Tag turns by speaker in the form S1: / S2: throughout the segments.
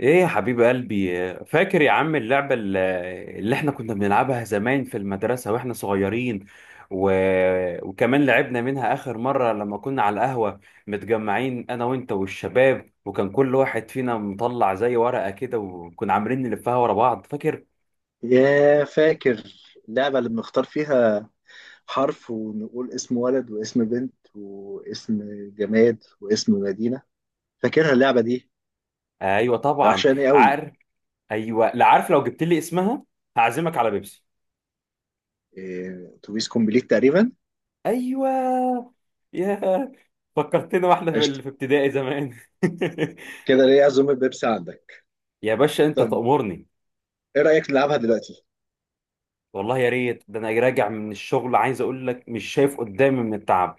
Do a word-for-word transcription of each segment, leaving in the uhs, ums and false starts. S1: ايه يا حبيب قلبي؟ فاكر يا عم اللعبة ال- اللي احنا كنا بنلعبها زمان في المدرسة واحنا صغيرين و... وكمان لعبنا منها اخر مرة لما كنا على القهوة متجمعين انا وانت والشباب، وكان كل واحد فينا مطلع زي ورقة كده وكنا عاملين نلفها ورا بعض، فاكر؟
S2: يا فاكر اللعبة اللي بنختار فيها حرف ونقول اسم ولد واسم بنت واسم جماد واسم مدينة. فاكرها اللعبة دي؟
S1: ايوه
S2: ده
S1: طبعا.
S2: وحشاني قوي.
S1: عارف. ايوه، لا عارف. لو جبت لي اسمها هعزمك على بيبسي.
S2: إيه، اتوبيس كومبليت تقريبا.
S1: ايوه. يا فكرتنا واحنا في
S2: قشطة.
S1: ال- في ابتدائي زمان.
S2: كده ليه عزومة بيبسي عندك؟
S1: يا باشا انت
S2: طب
S1: تأمرني.
S2: ايه رأيك نلعبها دلوقتي؟
S1: والله يا ريت، ده انا راجع من الشغل عايز اقول لك مش شايف قدامي من التعب.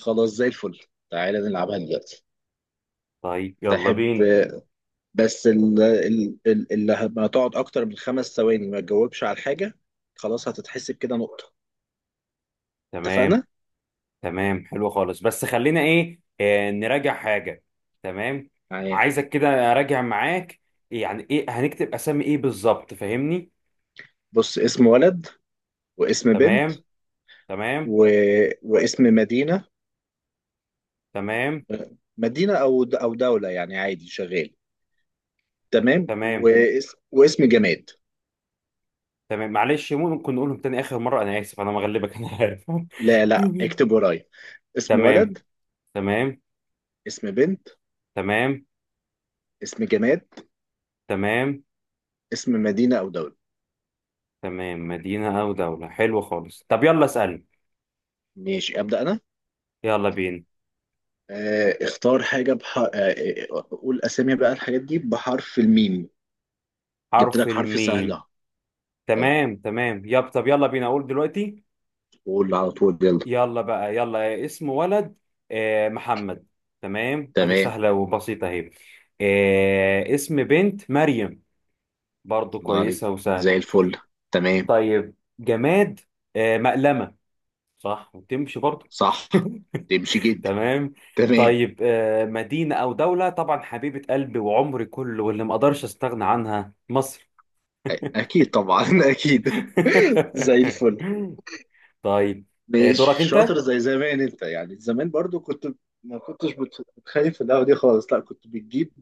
S2: خلاص زي الفل. تعالى نلعبها دلوقتي.
S1: طيب يلا
S2: تحب؟
S1: بينا.
S2: بس ال- ال- ال- اللي هتقعد اكتر من خمس ثواني ما تجاوبش على حاجة، خلاص هتتحسب كده نقطة.
S1: تمام.
S2: اتفقنا؟
S1: تمام حلو خالص، بس خلينا ايه آه نراجع حاجة. تمام.
S2: معاك.
S1: عايزك كده اراجع معاك. يعني ايه هنكتب اسامي ايه بالظبط؟ فاهمني؟
S2: بص، اسم ولد واسم بنت
S1: تمام. تمام.
S2: و... واسم مدينة.
S1: تمام.
S2: مدينة أو د... أو دولة، يعني عادي شغال. تمام،
S1: تمام.
S2: واس... واسم جماد.
S1: تمام معلش، ممكن نقولهم تاني اخر مرة؟ انا اسف، انا مغلبك انا عارف.
S2: لا لا، اكتب ورايا. اسم
S1: تمام.
S2: ولد.
S1: تمام.
S2: اسم بنت.
S1: تمام.
S2: اسم جماد.
S1: تمام.
S2: اسم مدينة أو دولة.
S1: تمام مدينة او دولة حلو خالص، طب يلا اسأل.
S2: ماشي، أبدأ أنا.
S1: يلا بينا.
S2: آه اختار حاجة بح... آه آه، قول أسامي بقى الحاجات دي بحرف الميم. جبت
S1: حرف
S2: لك حرف سهل
S1: الميم.
S2: أهو. طب
S1: تمام تمام يب طب يلا بينا اقول دلوقتي.
S2: قول على طول، يلا.
S1: يلا بقى، يلا اسم ولد. آه محمد. تمام، ادي
S2: تمام.
S1: سهلة وبسيطة اهي. آه اسم بنت مريم. برضو
S2: الله عليك،
S1: كويسة
S2: زي
S1: وسهلة.
S2: الفل. تمام.
S1: طيب جماد. آه مقلمة. صح، وتمشي برضو.
S2: صح، تمشي جدا.
S1: تمام.
S2: تمام.
S1: طيب آه مدينة او دولة، طبعا حبيبة قلبي وعمري كله واللي ما اقدرش استغنى عنها مصر.
S2: أ- اكيد طبعا اكيد. زي الفل.
S1: طيب آه،
S2: مش
S1: دورك انت.
S2: شاطر زي زمان انت، يعني زمان برضو كنت ما كنتش بت- بتخايف في القهوة دي خالص، لا كنت بتجيب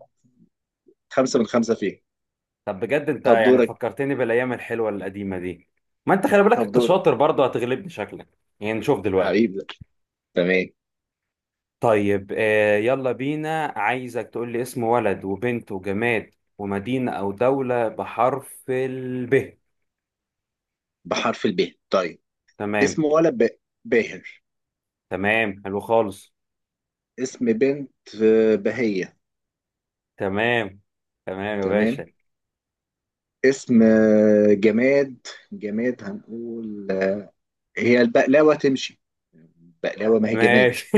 S2: خمسة من خمسة فيها.
S1: طب بجد انت
S2: طب
S1: يعني
S2: دورك.
S1: فكرتني بالايام الحلوه القديمه دي. ما انت خلي بالك
S2: طب
S1: انت
S2: دورك
S1: شاطر برضه، هتغلبني شكلك. يعني نشوف دلوقتي.
S2: حبيبي. تمام.
S1: طيب آه، يلا بينا، عايزك تقول لي اسم ولد وبنت وجماد ومدينه او دوله بحرف الب.
S2: بحرف الب، طيب.
S1: تمام.
S2: اسم ولد ب... باهر.
S1: تمام حلو خالص.
S2: اسم بنت آه، بهية.
S1: تمام تمام يا
S2: تمام.
S1: باشا.
S2: اسم آه، جماد. جماد هنقول آه، هي البقلاوة تمشي؟ بقلاوة ما هي جماد.
S1: ماشي.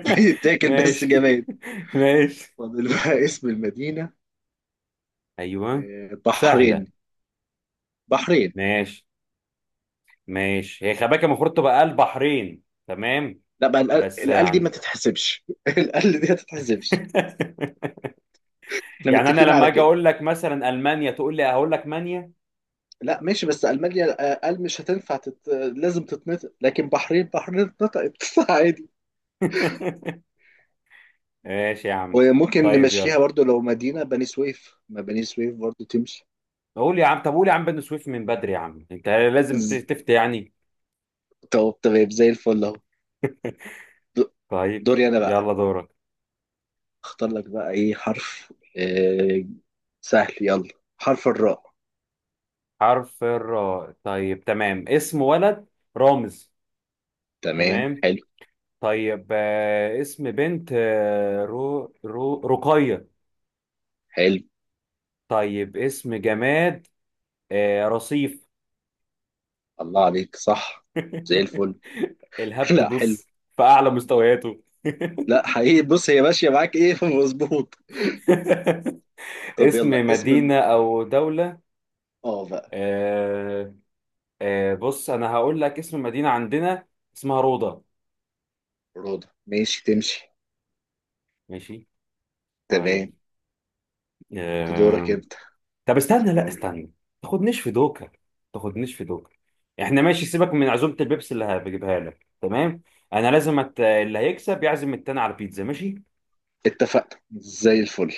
S2: بتاكل بس
S1: ماشي.
S2: جماد.
S1: ماشي.
S2: فاضل بقى اسم المدينة.
S1: ايوه.
S2: آه،
S1: سهله.
S2: بحرين. بحرين.
S1: ماشي. ماشي، هي خباكة المفروض تبقى البحرين. تمام،
S2: لا بقى، القل
S1: بس
S2: القل دي ما
S1: يعني.
S2: تتحسبش. القل دي ما تتحسبش. احنا
S1: يعني انا
S2: متفقين
S1: لما
S2: على
S1: اجي
S2: كده.
S1: اقول لك مثلا المانيا تقول لي هقول لك مانيا.
S2: لا ماشي، بس ألمانيا آه، قل مش هتنفع تت... لازم تتنطق. لكن بحرين، بحرين اتنطقت عادي.
S1: ماشي يا عم.
S2: وممكن
S1: طيب يلا
S2: نمشيها برضو لو مدينة بني سويف، ما بني سويف برضو تمشي.
S1: قول يا عم، طب قول يا عم بن سويف، من بدري يا عم انت لازم ت-
S2: ز-
S1: تفتي يعني.
S2: طب تمام زي الفل اهو. د-
S1: طيب
S2: دوري انا بقى.
S1: يلا دورك.
S2: اختار لك بقى ايه حرف. آه، سهل، يلا حرف الراء.
S1: حرف الراء. طيب تمام اسم ولد رامز.
S2: تمام،
S1: تمام.
S2: حلو.
S1: طيب آه، اسم بنت، آه، رو رو رقية
S2: حلو.
S1: طيب اسم جماد، آه، رصيف.
S2: الله عليك، صح. زي الفل.
S1: الهبد
S2: لا حلو.
S1: بص في أعلى مستوياته.
S2: لا حقيقي، بص، هي ماشية معاك ايه، مظبوط. طب
S1: اسم
S2: يلا اسم.
S1: مدينة أو دولة،
S2: اه بقى.
S1: آه، آه، بص أنا هقول لك اسم مدينة عندنا اسمها روضة.
S2: رضا ماشي، تمشي.
S1: ماشي.
S2: تمام.
S1: طيب.
S2: دورك
S1: آه،
S2: انت.
S1: طب استنى، لا
S2: اختار.
S1: استنى. تاخدنيش في دوكا. تاخدنيش في دوكا. احنا ماشي، سيبك من عزومة البيبسي اللي هجيبها لك تمام. انا لازم أت... اللي هيكسب يعزم التاني على بيتزا ماشي.
S2: اتفقنا، زي الفل.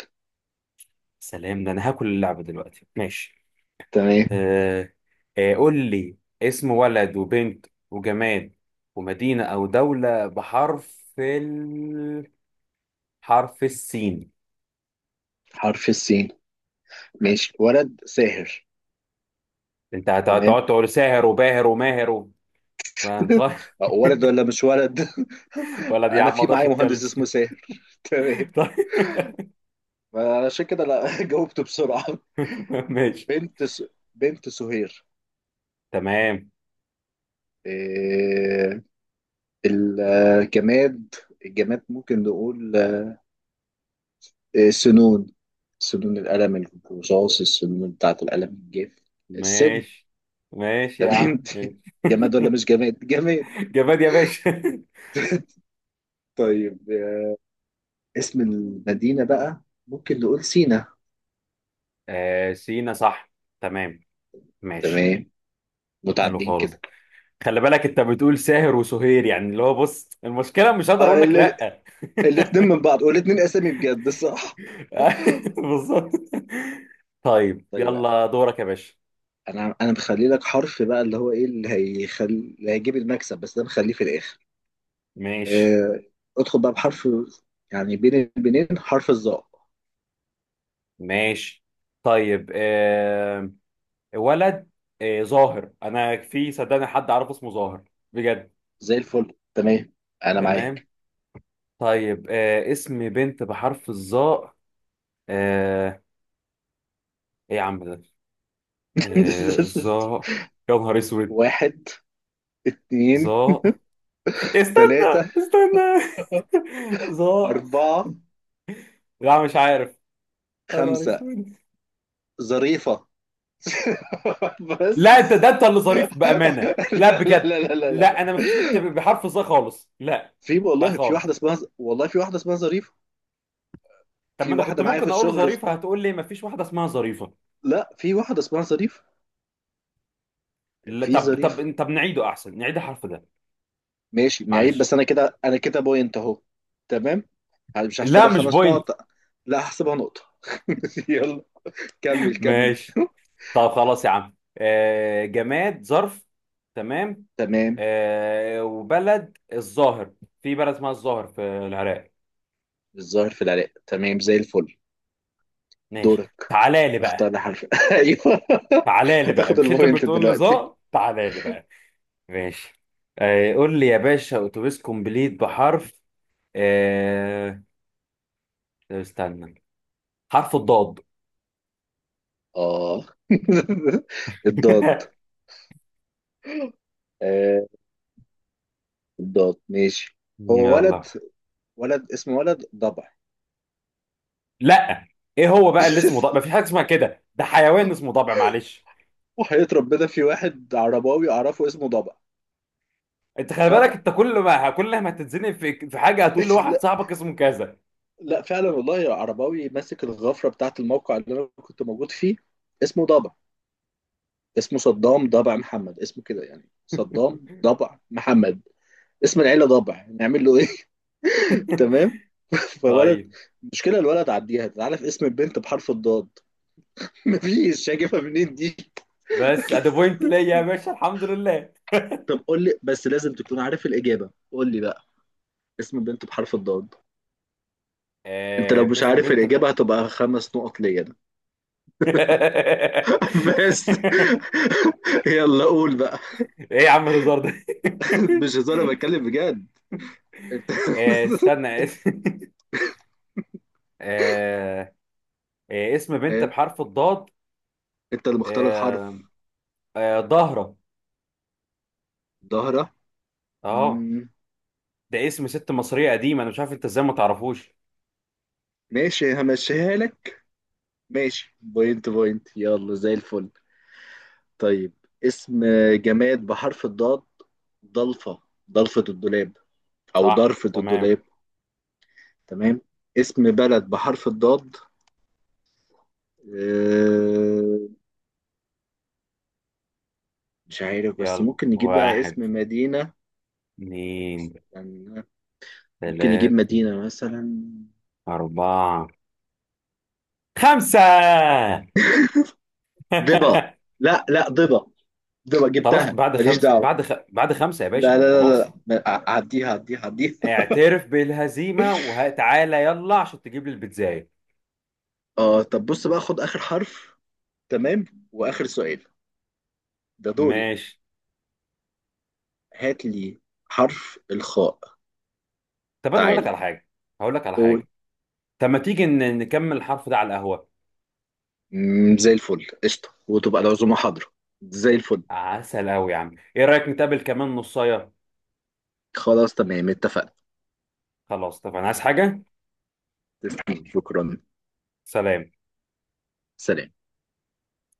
S1: سلام، ده انا هاكل اللعبة دلوقتي ماشي.
S2: تمام.
S1: آه آه قول لي اسم ولد وبنت وجماد ومدينة أو دولة بحرف ال... حرف السين.
S2: حرف السين. ماشي، ولد ساهر.
S1: أنت هت-
S2: تمام
S1: هتقعد تقول ساهر وباهر وماهر و... ما هتغ-
S2: ولد ولا مش ولد؟
S1: ولا دي يا
S2: انا
S1: عم ما
S2: في
S1: أقدرش
S2: معايا
S1: أتكلم.
S2: مهندس اسمه ساهر تمام،
S1: طيب.
S2: عشان كده. لا جاوبته بسرعة.
S1: ماشي.
S2: بنت س... بنت سهير.
S1: تمام.
S2: آه، الجماد. الجماد ممكن نقول آه، سنون. سنون القلم، الرصاص، السنون بتاعة القلم الجاف، السن.
S1: ماشي. ماشي يا عم
S2: تمام.
S1: ماشي.
S2: جماد ولا مش جماد؟ جماد.
S1: جماد يا باشا.
S2: طيب، آه، اسم المدينة بقى. ممكن نقول سينا.
S1: آه سينا صح. تمام. ماشي.
S2: تمام،
S1: حلو
S2: متعدين
S1: خالص.
S2: كده.
S1: خلي بالك انت بتقول ساهر وسهير، يعني اللي هو بص المشكله مش هقدر اقول
S2: اه،
S1: لك لا.
S2: الاثنين من بعض، والاثنين اسامي بجد صح.
S1: بالظبط. طيب
S2: طيب،
S1: يلا دورك يا باشا.
S2: انا انا مخلي لك حرف بقى اللي هو ايه، اللي هيخلي اللي هيجيب المكسب، بس ده مخليه في الاخر.
S1: ماشي.
S2: آه، ادخل بقى بحرف، يعني بين البنين حرف الظاء.
S1: ماشي. طيب آه ولد آه ظاهر، انا في صدقني حد عارف اسمه ظاهر بجد.
S2: زي الفل. تمام، انا
S1: تمام.
S2: معاك.
S1: طيب آه اسم بنت بحرف الظاء. آه ايه يا عم ده. آه ظاء. يا نهار اسود.
S2: واحد، اتنين،
S1: ظاء، استنى
S2: تلاتة،
S1: استنى. ظا.
S2: أربعة،
S1: لا مش عارف. يا نهار
S2: خمسة.
S1: اسود.
S2: ظريفة.
S1: لا انت
S2: بس.
S1: ده انت اللي ظريف بامانه، لا
S2: لا لا
S1: بجد.
S2: لا لا لا
S1: لا
S2: لا،
S1: انا مفيش بنت بحرف ظا خالص لا.
S2: في
S1: لا
S2: والله، في
S1: خالص.
S2: واحدة اسمها، والله في واحدة اسمها ظريفة.
S1: طب ما
S2: في
S1: انا كنت
S2: واحدة معايا في
S1: ممكن اقول له
S2: الشغل
S1: ظريفه
S2: اسمها.
S1: هتقول لي مفيش واحده اسمها ظريفه؟
S2: لا، في واحدة اسمها ظريفة.
S1: لا
S2: في
S1: طب
S2: ظريفة.
S1: طب طب، نعيده احسن نعيد الحرف ده.
S2: ماشي نعيب،
S1: معلش.
S2: بس انا كده انا كده بوينت اهو. تمام. هل- مش
S1: لا
S2: هحسبها
S1: مش
S2: خمس
S1: بوينت.
S2: نقط لا، هحسبها نقطة. يلا، كمل كمل
S1: ماشي. طب خلاص يا عم، آه جماد ظرف. تمام.
S2: تمام.
S1: آه وبلد الظاهر، في بلد اسمها الظاهر في العراق.
S2: الظاهر في العراق، تمام زي الفل.
S1: ماشي.
S2: دورك.
S1: تعالى لي
S2: اختار
S1: بقى.
S2: لي حرف ايوه.
S1: تعالى لي بقى،
S2: هتاخد
S1: مش انت
S2: البوينت
S1: بتقول لي
S2: دلوقتي.
S1: ظا؟ تعالى لي بقى. ماشي. آه قول لي يا باشا اتوبيس كومبليت بحرف آه طب استنى، حرف الضاد.
S2: اه الضاد. آه الضاد، ماشي. هو ولد
S1: يلا.
S2: ولد اسمه ولد ضبع.
S1: لا. ايه هو بقى اللي اسمه ضبع؟ مفيش حاجه اسمها كده، ده حيوان اسمه ضبع معلش.
S2: وحياة ربنا، في واحد عرباوي اعرفه اسمه ضبع.
S1: انت خلي بالك
S2: ضبع.
S1: انت كل ما كل ما تتزنق في في حاجه هتقول لواحد صاحبك اسمه كذا.
S2: لا فعلا والله، عرباوي ماسك الغفرة بتاعة الموقع اللي أنا كنت موجود فيه، اسمه ضبع. اسمه صدام ضبع محمد، اسمه كده، يعني صدام ضبع محمد. اسم العيلة ضبع، نعمل له إيه؟ تمام. فولد.
S1: طيب
S2: مشكلة الولد عديها، تعالى في اسم البنت بحرف الضاد. مفيش، شايفها منين دي؟
S1: بس ادي بوينت ليا يا باشا الحمد لله.
S2: طب قول لي، بس لازم تكون عارف الإجابة. قول لي بقى اسم البنت بحرف الضاد. انت لو
S1: آه
S2: مش
S1: باسم
S2: عارف
S1: بنت.
S2: الإجابة هتبقى خمس نقط ليا أنا.
S1: ايه
S2: بس. يلا، قول بقى.
S1: يا عم الهزار ده.
S2: مش هزار، أنا بتكلم بجد انت.
S1: آه، استنى. آه، آه، اسم بنت
S2: إيه؟
S1: بحرف الضاد.
S2: انت اللي مختار الحرف.
S1: آه، آه، ضهرة.
S2: ظهره.
S1: اه،
S2: مم.
S1: ده اسم ست مصرية قديمة، انا مش عارف انت ازاي ما تعرفوش.
S2: ماشي همشيها لك. ماشي، بوينت بوينت، يلا زي الفل. طيب اسم جماد بحرف الضاد، ضلفة. ضلفة الدولاب أو
S1: صح
S2: ضرفة
S1: تمام.
S2: الدولاب. تمام. اسم بلد بحرف الضاد، آه، مش عارف. بس
S1: يلا
S2: ممكن نجيب بقى
S1: واحد،
S2: اسم مدينة
S1: اتنين،
S2: يعني، ممكن نجيب
S1: تلاتة،
S2: مدينة مثلا.
S1: أربعة، خمسة.
S2: ضبا. لا لا ضبا. ضبا
S1: خلاص
S2: جبتها،
S1: بعد
S2: ماليش
S1: خمسة،
S2: دعوة.
S1: بعد خ... بعد خمسة يا باشا
S2: لا لا لا لا،
S1: خلاص.
S2: ما- ع- عديها عديها عديها
S1: اعترف بالهزيمه وتعالى يلا عشان تجيب لي البيتزاية.
S2: اه طب بص بقى، خد اخر حرف. تمام. واخر سؤال، ده دوري.
S1: ماشي.
S2: هات لي حرف الخاء.
S1: طب انا هقول لك
S2: تعالى
S1: على حاجه. هقول لك على
S2: قول.
S1: حاجه. طب ما تيجي ن- نكمل الحرف ده على القهوه.
S2: مم، زي الفل قشطه، وتبقى العزومه حاضره. زي الفل.
S1: عسل قوي يا عم، ايه رايك نتقابل كمان نصايه.
S2: خلاص، تمام اتفقنا.
S1: خلاص. طب انا عايز حاجه.
S2: تسلم، شكرا.
S1: سلام.
S2: سلام.